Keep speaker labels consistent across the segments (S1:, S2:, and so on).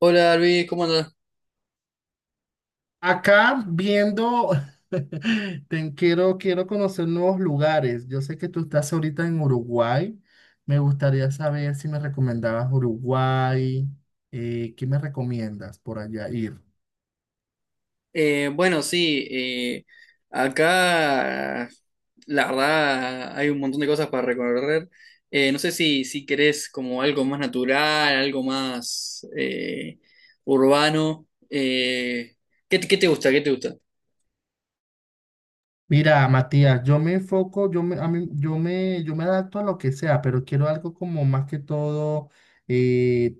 S1: Hola Luis, ¿cómo andás?
S2: Acá viendo, quiero conocer nuevos lugares. Yo sé que tú estás ahorita en Uruguay. Me gustaría saber si me recomendabas Uruguay. ¿qué me recomiendas por allá ir?
S1: Bueno, sí, acá la verdad hay un montón de cosas para recorrer. No sé si querés como algo más natural, algo más urbano. ¿Qué te gusta? ¿Qué te gusta?
S2: Mira, Matías, yo me enfoco, yo me adapto a lo que sea, pero quiero algo como más que todo, eh,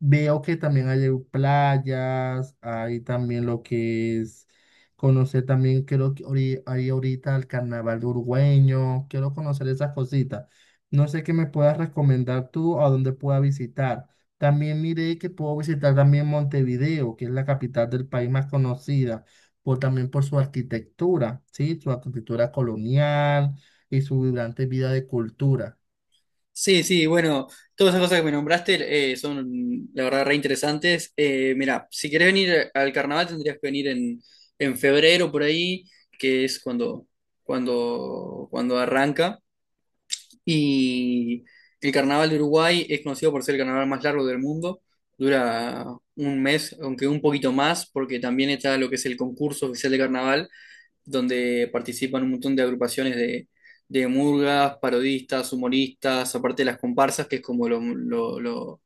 S2: veo que también hay playas, hay también lo que es conocer también, creo que hay ahorita el carnaval uruguayo, quiero conocer esas cositas. No sé qué me puedas recomendar tú a dónde pueda visitar. También miré que puedo visitar también Montevideo, que es la capital del país más conocida por, también por su arquitectura, ¿sí? Su arquitectura colonial y su vibrante vida de cultura.
S1: Sí, sí, bueno, todas esas cosas que me nombraste son, la verdad, re interesantes. Mira, si querés venir al carnaval tendrías que venir en febrero por ahí, que es cuando arranca. Y el carnaval de Uruguay es conocido por ser el carnaval más largo del mundo. Dura un mes, aunque un poquito más, porque también está lo que es el concurso oficial de carnaval donde participan un montón de agrupaciones de murgas, parodistas, humoristas, aparte de las comparsas, que es como lo, lo- lo-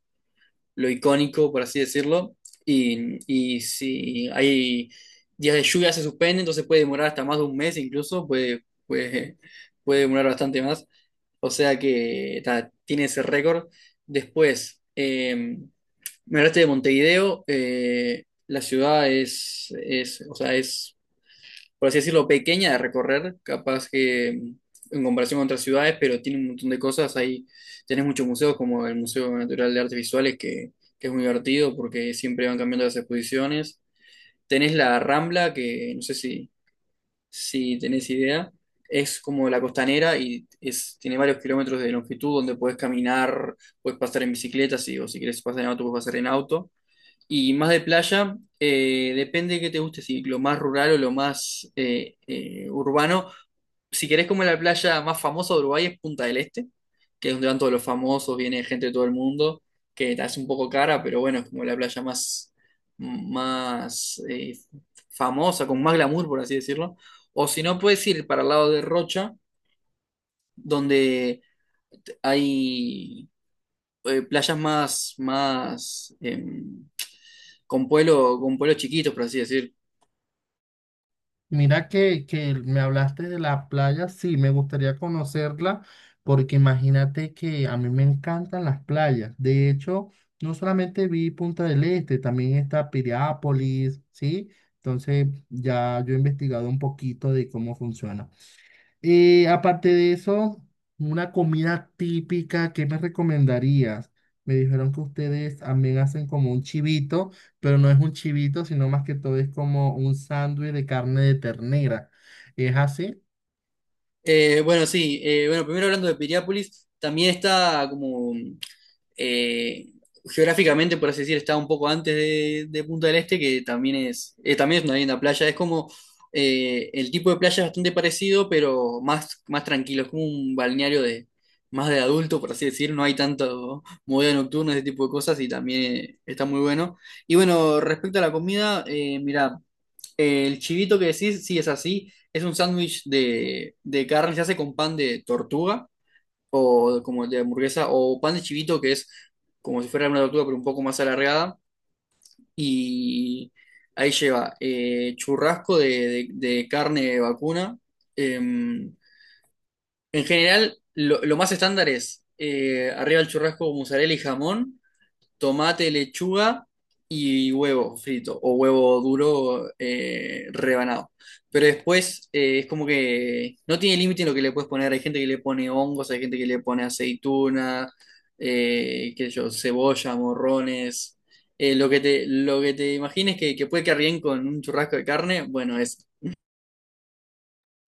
S1: lo icónico, por así decirlo. Y si hay días de lluvia se suspende, entonces puede demorar hasta más de un mes incluso, puede demorar bastante más. O sea que ta, tiene ese récord. Después, me hablaste de Montevideo. La ciudad es, por así decirlo, pequeña de recorrer, capaz que en comparación con otras ciudades, pero tiene un montón de cosas. Ahí tenés muchos museos, como el Museo Natural de Artes Visuales, que es muy divertido porque siempre van cambiando las exposiciones. Tenés la Rambla, que no sé si tenés idea, es como la costanera y tiene varios kilómetros de longitud donde podés caminar, puedes pasar en bicicleta, si, o si querés pasar en auto, puedes pasar en auto. Y más de playa, depende de qué te guste, si lo más rural o lo más urbano. Si querés, como la playa más famosa de Uruguay es Punta del Este, que es donde van todos los famosos, viene gente de todo el mundo, que es un poco cara, pero bueno, es como la playa más, más famosa, con más glamour, por así decirlo. O si no, puedes ir para el lado de Rocha, donde hay playas más, más con pueblo, con pueblos chiquitos, por así decir.
S2: Mira que me hablaste de la playa, sí, me gustaría conocerla, porque imagínate que a mí me encantan las playas. De hecho, no solamente vi Punta del Este, también está Piriápolis, ¿sí? Entonces ya yo he investigado un poquito de cómo funciona. Aparte de eso, una comida típica, ¿qué me recomendarías? Me dijeron que ustedes también hacen como un chivito, pero no es un chivito, sino más que todo es como un sándwich de carne de ternera. ¿Es así?
S1: Bueno, sí, bueno, primero hablando de Piriápolis, también está como eh, geográficamente, por así decir, está un poco antes de Punta del Este, que también es una linda playa. Es como, el tipo de playa es bastante parecido, pero más, más tranquilo, es como un balneario de más de adulto, por así decir, no hay tanto movida nocturna, ese tipo de cosas, y también está muy bueno. Y bueno, respecto a la comida, mira, el chivito que decís, sí es así, es un sándwich de carne, se hace con pan de tortuga o como de hamburguesa o pan de chivito, que es como si fuera una tortuga pero un poco más alargada, y ahí lleva churrasco de- de carne de vacuna. En general lo más estándar es arriba el churrasco, mozzarella y jamón, tomate, lechuga y huevo frito o huevo duro, rebanado. Pero después, es como que no tiene límite en lo que le puedes poner. Hay gente que le pone hongos, hay gente que le pone aceituna, qué sé yo, cebolla, morrones. Lo que te imagines que puede quedar bien con un churrasco de carne, bueno, es.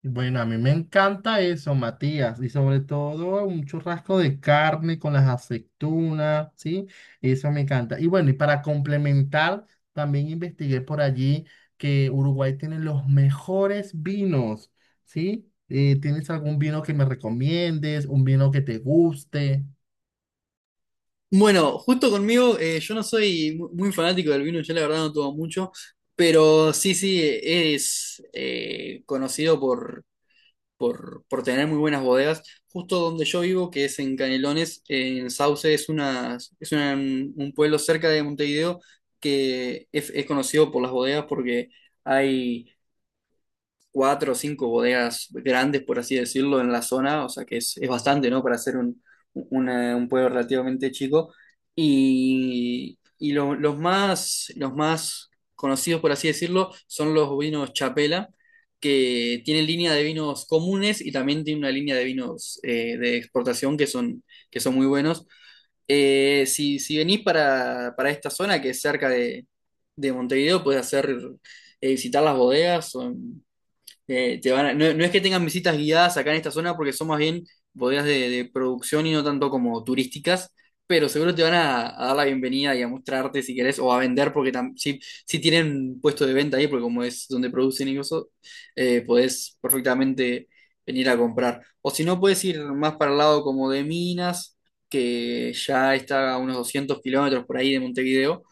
S2: Bueno, a mí me encanta eso, Matías, y sobre todo un churrasco de carne con las aceitunas, ¿sí? Eso me encanta. Y bueno, y para complementar, también investigué por allí que Uruguay tiene los mejores vinos, ¿sí? ¿tienes algún vino que me recomiendes, un vino que te guste?
S1: Bueno, justo conmigo, yo no soy muy fanático del vino, yo la verdad no tomo mucho, pero sí, sí, es, conocido por tener muy buenas bodegas. Justo donde yo vivo, que es en Canelones, en Sauce, un pueblo cerca de Montevideo que es conocido por las bodegas porque hay cuatro o cinco bodegas grandes, por así decirlo, en la zona, o sea que es bastante, ¿no? Para ser un pueblo relativamente chico. Y los más conocidos, por así decirlo, son los vinos Chapela, que tienen línea de vinos comunes y también tienen una línea de vinos, de exportación que son muy buenos. Si venís para esta zona que es cerca de Montevideo, puedes hacer, visitar las bodegas, o no, no es que tengan visitas guiadas acá en esta zona porque son más bien bodegas de producción y no tanto como turísticas, pero seguro te van a dar la bienvenida y a mostrarte si querés, o a vender porque si tienen puesto de venta ahí, porque como es donde producen y eso, podés perfectamente venir a comprar. O si no, podés ir más para el lado como de Minas, que ya está a unos 200 kilómetros por ahí de Montevideo,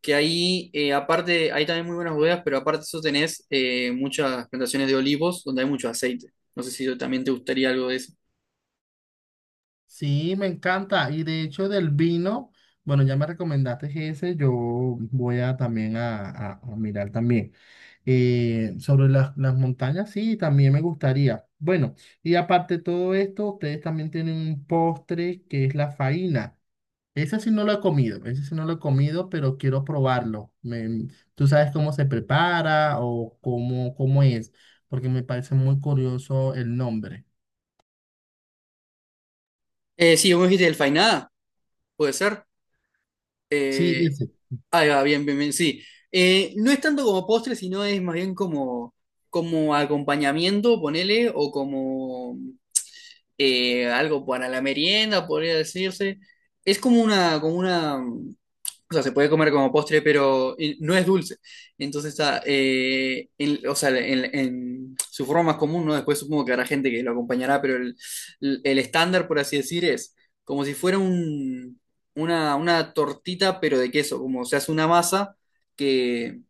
S1: que ahí, aparte, hay también muy buenas bodegas, pero aparte de eso tenés, muchas plantaciones de olivos donde hay mucho aceite. No sé si también te gustaría algo de eso.
S2: Sí, me encanta. Y de hecho del vino, bueno, ya me recomendaste ese, yo voy a también a mirar también. Sobre las montañas, sí, también me gustaría. Bueno, y aparte de todo esto, ustedes también tienen un postre que es la faina. Ese sí no lo he comido, ese sí no lo he comido, pero quiero probarlo. ¿Tú sabes cómo se prepara o cómo es? Porque me parece muy curioso el nombre.
S1: Sí, vos dijiste del Fainada, puede ser.
S2: Sí,
S1: Eh,
S2: ese.
S1: ahí va, bien, bien, bien, sí. No es tanto como postre, sino es más bien como, como acompañamiento, ponele, o como, algo para la merienda, podría decirse. Es como una, como una. O sea, se puede comer como postre, pero no es dulce. Entonces está, o sea, en su forma más común, ¿no? Después supongo que habrá gente que lo acompañará, pero el estándar, por así decir, es como si fuera un, una tortita, pero de queso, como se hace una masa que,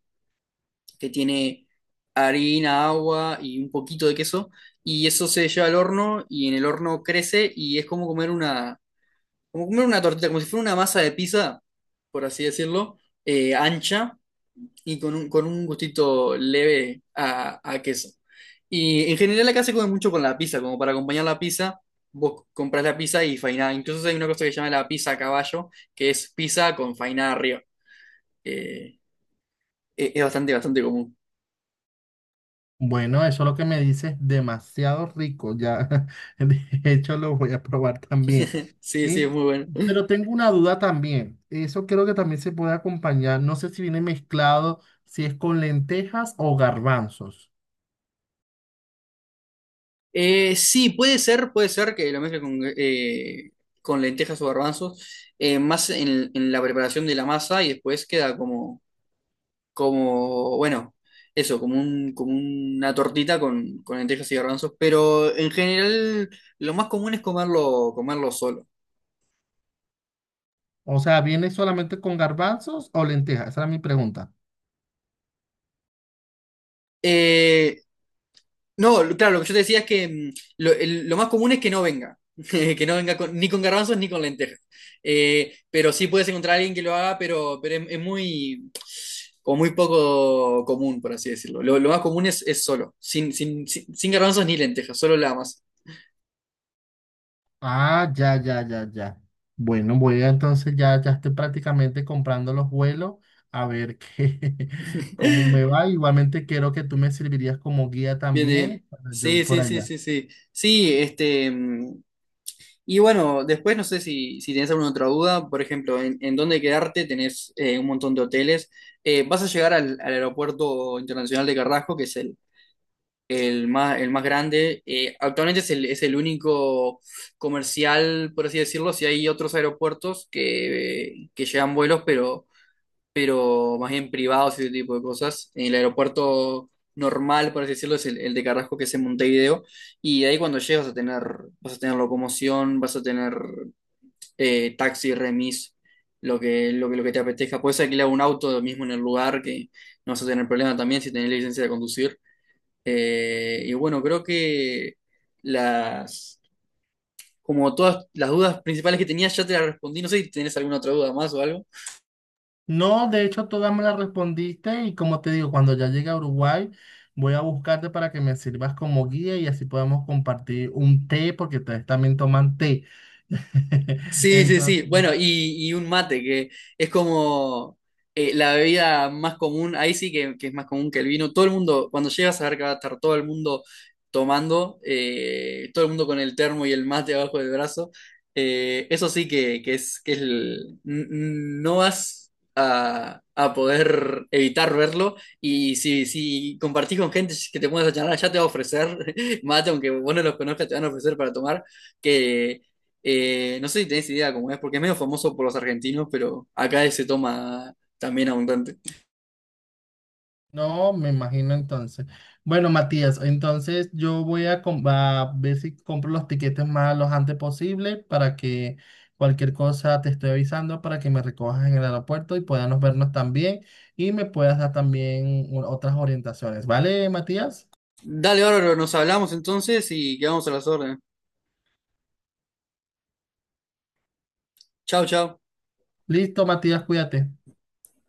S1: que tiene harina, agua y un poquito de queso, y eso se lleva al horno y en el horno crece y es como comer una, como comer una tortilla, como si fuera una masa de pizza, por así decirlo, ancha y con un gustito leve a queso. Y en general acá se come mucho con la pizza, como para acompañar la pizza, vos compras la pizza y fainá. Incluso hay una cosa que se llama la pizza a caballo, que es pizza con fainá arriba. Eh, es bastante, bastante común.
S2: Bueno, eso lo que me dices es demasiado rico. Ya de hecho lo voy a probar también.
S1: Sí,
S2: ¿Sí?
S1: sí, es muy bueno.
S2: Pero tengo una duda también, eso creo que también se puede acompañar, no sé si viene mezclado, si es con lentejas o garbanzos.
S1: Sí, puede ser que lo mezcle con lentejas o garbanzos, más en la preparación de la masa y después queda como, como, bueno, eso, como un, como una tortita con lentejas y garbanzos, pero en general lo más común es comerlo solo.
S2: O sea, ¿viene solamente con garbanzos o lentejas? Esa era mi pregunta.
S1: Eh, No, claro, lo que yo te decía es que mm, lo más común es que no venga, que no venga ni con garbanzos ni con lentejas. Pero sí puedes encontrar a alguien que lo haga, pero es muy, como muy poco común, por así decirlo. Lo más común es solo, sin garbanzos ni lentejas, solo la masa.
S2: Ah, ya, ya, ya, ya. Bueno, voy a entonces ya, ya estoy prácticamente comprando los vuelos a ver qué, cómo me va. Igualmente quiero que tú me servirías como guía
S1: Bien,
S2: también
S1: bien.
S2: para yo ir
S1: Sí,
S2: por
S1: sí, sí,
S2: allá.
S1: sí, sí. Sí, este, mm, y bueno, después no sé si tenés alguna otra duda, por ejemplo, en dónde quedarte tenés, un montón de hoteles. Vas a llegar al aeropuerto internacional de Carrasco, que es el más grande. Actualmente es el único comercial, por así decirlo, si hay otros aeropuertos que llevan vuelos, pero más bien privados y ese tipo de cosas. El aeropuerto normal, por así decirlo, es el de Carrasco, que es en Montevideo. Y de ahí cuando llegas vas a tener locomoción, vas a tener, taxi, remis, lo que te apetezca. Puedes alquilar un auto lo mismo en el lugar que no vas a tener problema también si tenés licencia de conducir. Y bueno, creo que las, como todas las dudas principales que tenía ya te las respondí. No sé si tenés alguna otra duda más o algo.
S2: No, de hecho, todas me las respondiste y como te digo, cuando ya llegue a Uruguay, voy a buscarte para que me sirvas como guía y así podamos compartir un té, porque ustedes también toman té.
S1: Sí, sí,
S2: Entonces,
S1: sí. Bueno, y un mate, que es como, la bebida más común, ahí sí que es más común que el vino. Todo el mundo, cuando llegas a ver que va a estar todo el mundo tomando, todo el mundo con el termo y el mate abajo del brazo, eso sí que es, no vas a poder evitar verlo. Y si compartís con gente que te pones a charlar, ya te va a ofrecer mate, aunque vos no los conozcas, te van a ofrecer para tomar que, no sé si tenés idea cómo es, porque es medio famoso por los argentinos, pero acá se toma también abundante.
S2: no, me imagino entonces. Bueno, Matías, entonces yo voy a, a ver si compro los tiquetes más lo antes posible para que cualquier cosa te estoy avisando para que me recojas en el aeropuerto y podamos vernos también y me puedas dar también otras orientaciones. ¿Vale, Matías?
S1: Dale, bárbaro, nos hablamos entonces y quedamos a las órdenes. Chau, chau.
S2: Listo, Matías, cuídate.